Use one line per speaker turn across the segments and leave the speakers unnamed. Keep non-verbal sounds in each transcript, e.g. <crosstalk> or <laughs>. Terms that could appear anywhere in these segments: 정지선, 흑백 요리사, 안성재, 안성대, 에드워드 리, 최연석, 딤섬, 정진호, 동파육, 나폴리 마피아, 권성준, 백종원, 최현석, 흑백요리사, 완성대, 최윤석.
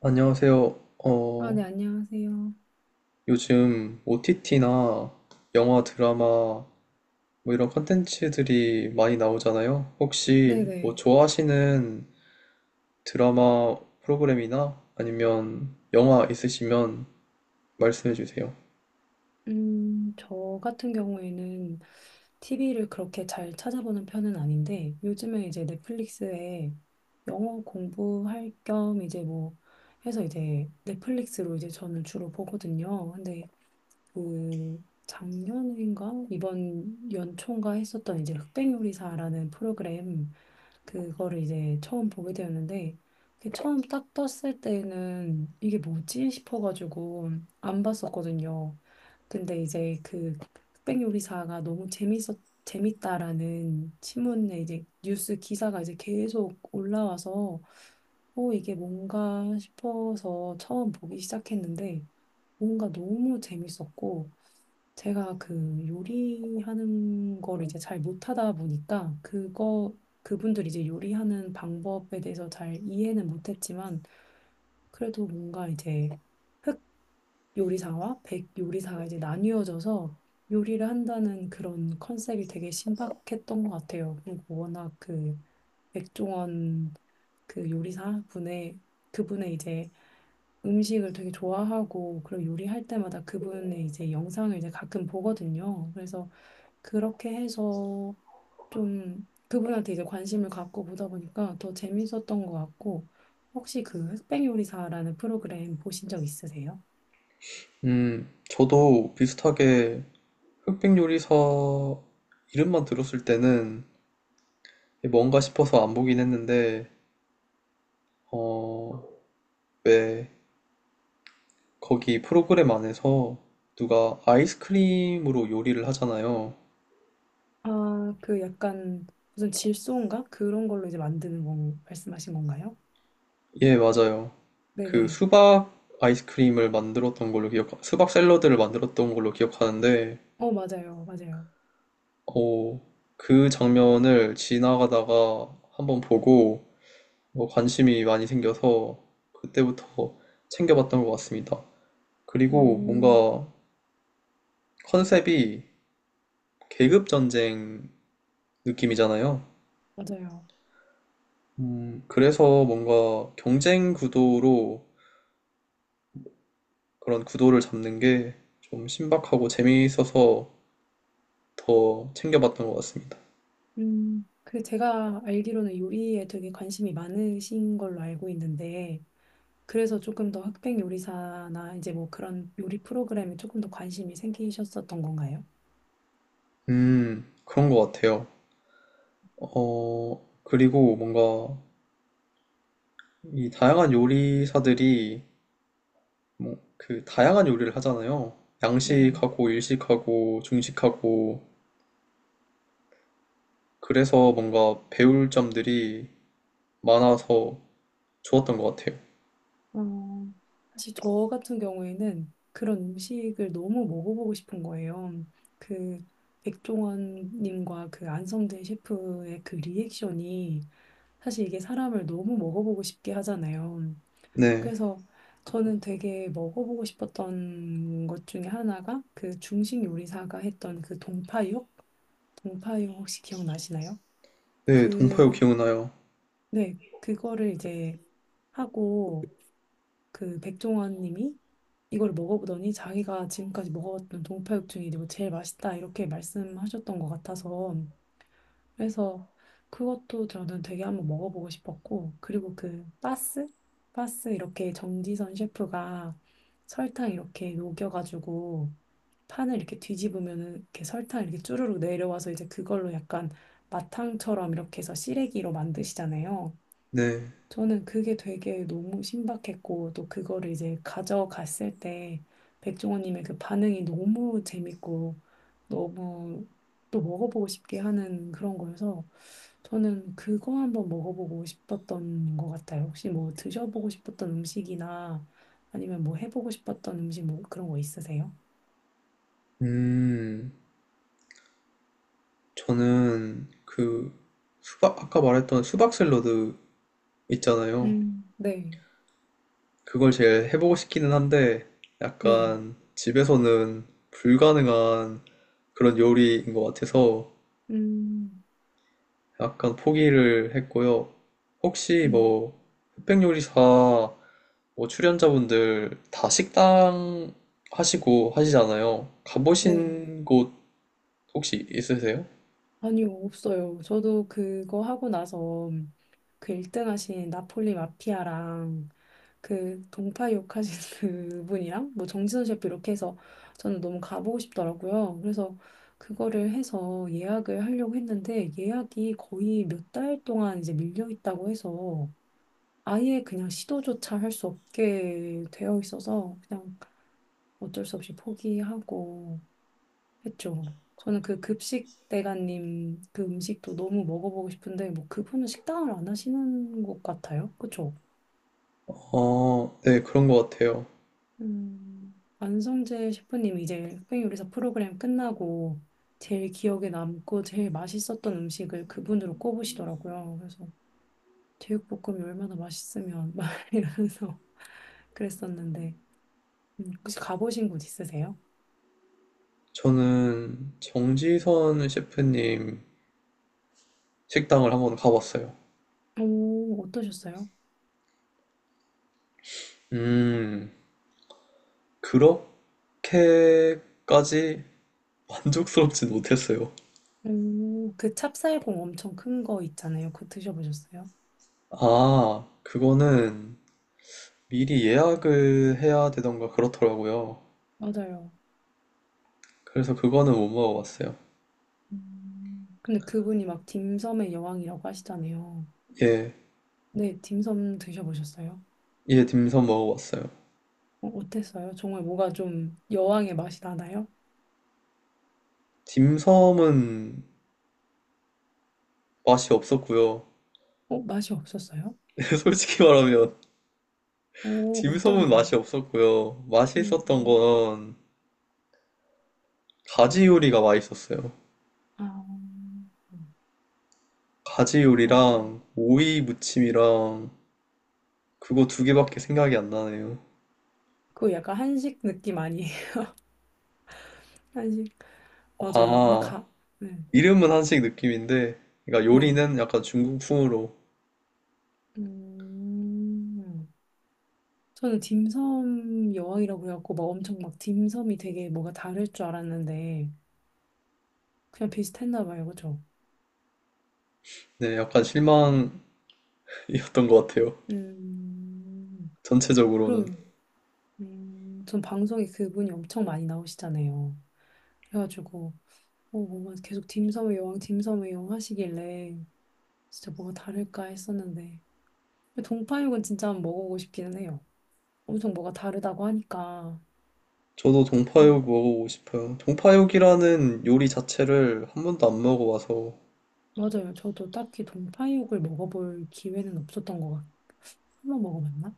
안녕하세요.
아,
어,
네, 안녕하세요.
요즘 OTT나 영화, 드라마 뭐 이런 컨텐츠들이 많이 나오잖아요. 혹시 뭐
네네.
좋아하시는 드라마 프로그램이나 아니면 영화 있으시면 말씀해 주세요.
저 같은 경우에는 TV를 그렇게 잘 찾아보는 편은 아닌데, 요즘에 이제 넷플릭스에 영어 공부할 겸 이제 뭐 해서 이제 넷플릭스로 이제 저는 주로 보거든요. 근데 그 작년인가? 이번 연초인가 했었던 이제 흑백요리사라는 프로그램 그거를 이제 처음 보게 되었는데 그 처음 딱 떴을 때는 이게 뭐지 싶어가지고 안 봤었거든요. 근데 이제 그 흑백요리사가 너무 재밌었 재밌다라는 신문에 이제 뉴스 기사가 이제 계속 올라와서 어 이게 뭔가 싶어서 처음 보기 시작했는데 뭔가 너무 재밌었고 제가 그 요리하는 걸 이제 잘 못하다 보니까 그거 그분들 이제 요리하는 방법에 대해서 잘 이해는 못했지만 그래도 뭔가 이제 흑 요리사와 백 요리사가 이제 나뉘어져서 요리를 한다는 그런 컨셉이 되게 신박했던 것 같아요. 그리고 워낙 그 백종원 그 요리사 분의 그분의 이제 음식을 되게 좋아하고 그리고 요리할 때마다 그분의 이제 영상을 이제 가끔 보거든요. 그래서 그렇게 해서 좀 그분한테 이제 관심을 갖고 보다 보니까 더 재밌었던 것 같고 혹시 그 흑백 요리사라는 프로그램 보신 적 있으세요?
저도 비슷하게 흑백 요리사 이름만 들었을 때는 뭔가 싶어서 안 보긴 했는데, 어, 왜 거기 프로그램 안에서 누가 아이스크림으로 요리를 하잖아요.
아, 그 약간 무슨 질소인가? 그런 걸로 이제 만드는 건 말씀하신 건가요?
예, 맞아요. 그
네네.
수박 아이스크림을 만들었던 걸로 기억, 수박 샐러드를 만들었던 걸로 기억하는데,
어, 맞아요. 맞아요.
어, 그 장면을 지나가다가 한번 보고 뭐 관심이 많이 생겨서 그때부터 챙겨봤던 것 같습니다.
오
그리고 뭔가 컨셉이 계급 전쟁 느낌이잖아요.
맞아요.
그래서 뭔가 경쟁 구도로 그런 구도를 잡는 게 좀 신박하고 재미있어서 더 챙겨봤던 것 같습니다.
그 제가 알기로는 요리에 되게 관심이 많으신 걸로 알고 있는데, 그래서 조금 더 흑백 요리사나 이제 뭐 그런 요리 프로그램에 조금 더 관심이 생기셨었던 건가요?
그런 것 같아요. 그리고 뭔가 이 다양한 요리사들이 뭐 그 다양한 요리를 하잖아요.
네.
양식하고 일식하고 중식하고 그래서 뭔가 배울 점들이 많아서 좋았던 것 같아요.
어, 사실 저 같은 경우에는 그런 음식을 너무 먹어보고 싶은 거예요. 그 백종원님과 그 안성대 셰프의 그 리액션이 사실 이게 사람을 너무 먹어보고 싶게 하잖아요.
네,
그래서 저는 되게 먹어보고 싶었던 것 중에 하나가 그 중식 요리사가 했던 그 동파육? 동파육 혹시 기억나시나요?
네, 동파요
그,
기억나요.
네, 그거를 이제 하고 그 백종원 님이 이걸 먹어보더니 자기가 지금까지 먹어봤던 동파육 중에 이거 제일 맛있다 이렇게 말씀하셨던 것 같아서 그래서 그것도 저는 되게 한번 먹어보고 싶었고, 그리고 그 바스? 바스 이렇게 정지선 셰프가 설탕 이렇게 녹여가지고 판을 이렇게 뒤집으면은 이렇게 설탕 이렇게 쭈르륵 내려와서 이제 그걸로 약간 마탕처럼 이렇게 해서 시래기로 만드시잖아요.
네,
저는 그게 되게 너무 신박했고, 또 그거를 이제 가져갔을 때, 백종원님의 그 반응이 너무 재밌고, 너무 또 먹어보고 싶게 하는 그런 거여서, 저는 그거 한번 먹어보고 싶었던 것 같아요. 혹시 뭐 드셔보고 싶었던 음식이나 아니면 뭐 해보고 싶었던 음식 뭐 그런 거 있으세요?
음, 저는 그 수박 아까 말했던 수박 샐러드 있잖아요.
네,
그걸 제일 해보고 싶기는 한데
네,
약간 집에서는 불가능한 그런 요리인 것 같아서
음,
약간 포기를 했고요. 혹시
음,
뭐 흑백 요리사 뭐 출연자분들 다 식당 하시고 하시잖아요.
네.
가보신 곳 혹시 있으세요?
아니요, 없어요. 저도 그거 하고 나서 그 1등 하신 나폴리 마피아랑 그 동파 욕하신 <laughs> 그분이랑 뭐 정진호 셰프 이렇게 해서 저는 너무 가보고 싶더라고요. 그래서 그거를 해서 예약을 하려고 했는데 예약이 거의 몇 달 동안 이제 밀려 있다고 해서 아예 그냥 시도조차 할 수 없게 되어 있어서 그냥 어쩔 수 없이 포기하고 했죠. 저는 그 급식 대가님 그 음식도 너무 먹어보고 싶은데 뭐 그분은 식당을 안 하시는 것 같아요. 그쵸?
아 네, 그런 것 같아요.
안성재 셰프님 이제 흑백 요리사 프로그램 끝나고 제일 기억에 남고 제일 맛있었던 음식을 그분으로 꼽으시더라고요. 그래서 제육볶음이 얼마나 맛있으면 <laughs> 막 이러면서 그랬었는데 혹시 가보신 곳 있으세요?
저는 정지선 셰프님 식당을 한번 가봤어요.
오, 어떠셨어요?
음, 그렇게까지 만족스럽진 못했어요.
오, 그 찹쌀공 엄청 큰 거 있잖아요. 그거 드셔보셨어요?
아, 그거는 미리 예약을 해야 되던가 그렇더라고요.
맞아요.
그래서 그거는 못 먹어봤어요.
음. 근데 그분이 막 딤섬의 여왕이라고 하시잖아요.
예,
네, 딤섬 드셔보셨어요?
예, 딤섬 먹어봤어요.
어, 어땠어요? 정말 뭐가 좀 여왕의 맛이 나나요?
딤섬은 맛이 없었고요.
어, 맛이 없었어요?
<laughs> 솔직히 말하면
어, 어떤
딤섬은 맛이
부분?
없었고요.
음,
맛있었던 건 가지 요리가 맛있었어요.
아, 음.
가지
아,
요리랑 오이 무침이랑 그거 두 개밖에 생각이 안 나네요.
그거 약간 한식 느낌 아니에요? <laughs> 한식. 맞아요. 근데
아,
네,
이름은 한식 느낌인데, 그러니까
네.
요리는 약간 중국풍으로,
음, 저는 딤섬 여왕이라고 해갖고 막 엄청 막 딤섬이 되게 뭐가 다를 줄 알았는데 그냥 비슷했나 봐요. 그쵸?
네, 약간 실망이었던 것 같아요.
음,
전체적으로는.
그러게요. 전 방송에 그분이 엄청 많이 나오시잖아요. 그래가지고, 어, 뭔가 계속 딤섬의 여왕, 딤섬의 여왕 하시길래, 진짜 뭐가 다를까 했었는데. 근데 동파육은 진짜 한번 먹어보고 싶기는 해요. 엄청 뭐가 다르다고 하니까.
저도
음,
동파육 먹어보고 싶어요. 동파육이라는 요리 자체를 한 번도 안 먹어봐서,
맞아요. 저도 딱히 동파육을 먹어볼 기회는 없었던 것 같아요. 한번 먹어봤나?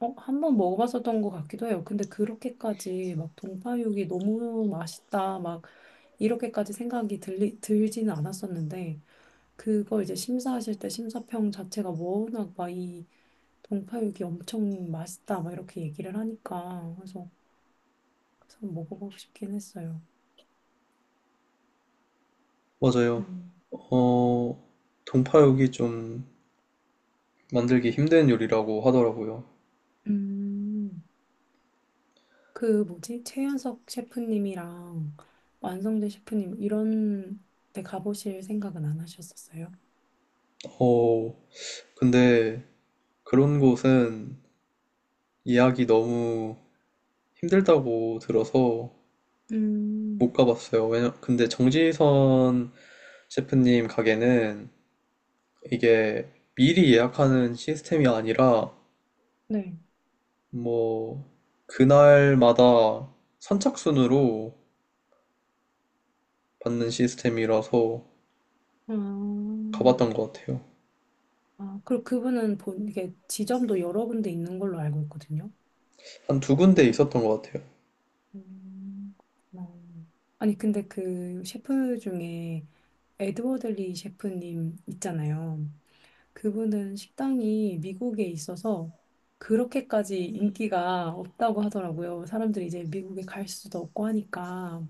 어, 한번 먹어봤었던 것 같기도 해요. 근데 그렇게까지 막 동파육이 너무 맛있다, 막 이렇게까지 생각이 들지는 않았었는데 그걸 이제 심사하실 때 심사평 자체가 뭐 워낙 막이 동파육이 엄청 맛있다 막 이렇게 얘기를 하니까 그래서 한번 먹어보고 싶긴 했어요.
맞아요.
음.
어, 동파육이 좀 만들기 힘든 요리라고 하더라고요.
음. 그 뭐지? 최현석 셰프님이랑 완성대 셰프님 이런 데 가보실 생각은 안 하셨었어요?
어, 근데 그런 곳은 예약이 너무 힘들다고 들어서 못
음.
가봤어요. 왜냐, 근데 정지선 셰프님 가게는 이게 미리 예약하는 시스템이 아니라
네.
뭐 그날마다 선착순으로 받는 시스템이라서
아,
가봤던 것 같아요.
아, 그리고 그분은 본 이게 지점도 여러 군데 있는 걸로 알고 있거든요.
한 두 군데 있었던 것 같아요.
음, 그렇구나. 아니, 근데 그 셰프 중에 에드워드 리 셰프님 있잖아요. 그분은 식당이 미국에 있어서 그렇게까지 인기가 없다고 하더라고요. 사람들이 이제 미국에 갈 수도 없고 하니까.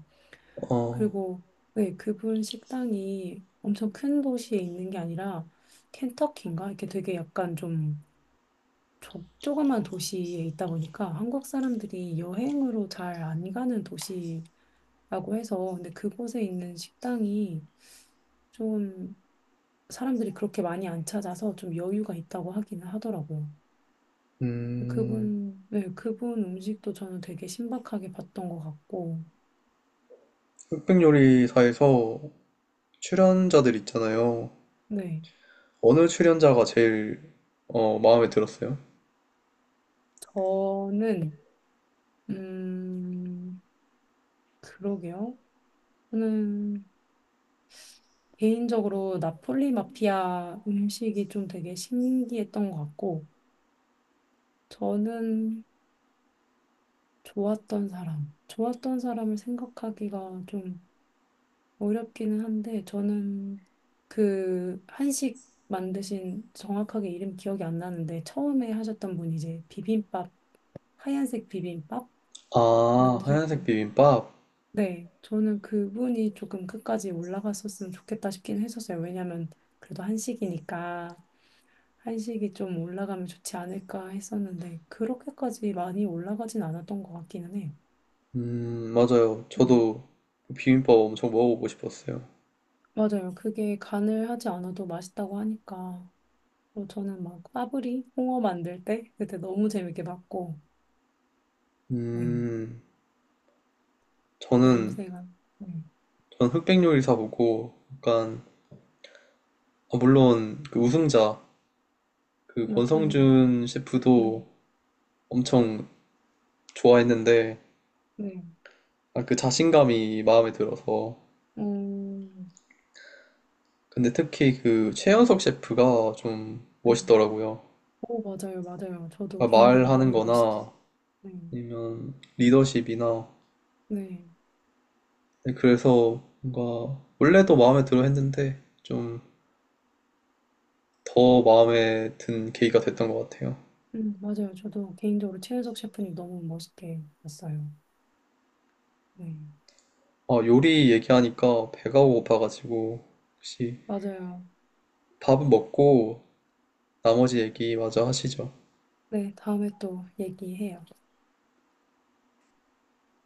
어,
그리고 네, 그분 식당이 엄청 큰 도시에 있는 게 아니라 켄터키인가? 이렇게 되게 약간 좀 조그만 도시에 있다 보니까 한국 사람들이 여행으로 잘 안 가는 도시 라고 해서 근데 그곳에 있는 식당이 좀 사람들이 그렇게 많이 안 찾아서 좀 여유가 있다고 하기는 하더라고요.
음,
그분, 네, 그분 음식도 저는 되게 신박하게 봤던 것 같고,
흑백요리사에서 출연자들 있잖아요.
네.
어느 출연자가 제일 마음에 들었어요?
저는, 음, 그러게요. 저는 개인적으로 나폴리 마피아 음식이 좀 되게 신기했던 것 같고, 저는 좋았던 사람, 좋았던 사람을 생각하기가 좀 어렵기는 한데 저는 그 한식 만드신 정확하게 이름 기억이 안 나는데 처음에 하셨던 분이 이제 비빔밥 하얀색 비빔밥
아, 하얀색
만드셨던
비빔밥?
네 저는 그분이 조금 끝까지 올라갔었으면 좋겠다 싶긴 했었어요 왜냐면 그래도 한식이니까 한식이 좀 올라가면 좋지 않을까 했었는데 그렇게까지 많이 올라가진 않았던 것 같기는 해요
맞아요.
음
저도 그 비빔밥 엄청 먹어보고 싶었어요.
맞아요 그게 간을 하지 않아도 맛있다고 하니까 뭐 저는 막 파브리 홍어 만들 때 그때 너무 재밌게 봤고 네
음, 저는,
냄새가 네
저는 흑백 요리사 보고, 약간, 아, 물론, 그 우승자, 그
나폴리
권성준
맛네네
셰프도 엄청 좋아했는데, 아, 그 자신감이 마음에 들어서.
음,
근데 특히 그 최연석 셰프가 좀
네.
멋있더라고요.
오 맞아요 맞아요 저도
그러니까
개인적으로
말하는
너무 멋있었어요
거나,
네
아니면 리더십이나,
네.
네, 그래서 뭔가 원래도 마음에 들어 했는데 좀 더 마음에 든 계기가 됐던 것 같아요.
맞아요 저도 개인적으로 최윤석 셰프님 너무 멋있게 봤어요 네
아, 요리 얘기하니까 배가 고파가지고 혹시
맞아요
밥은 먹고 나머지 얘기 마저 하시죠.
네 다음에 또 얘기해요.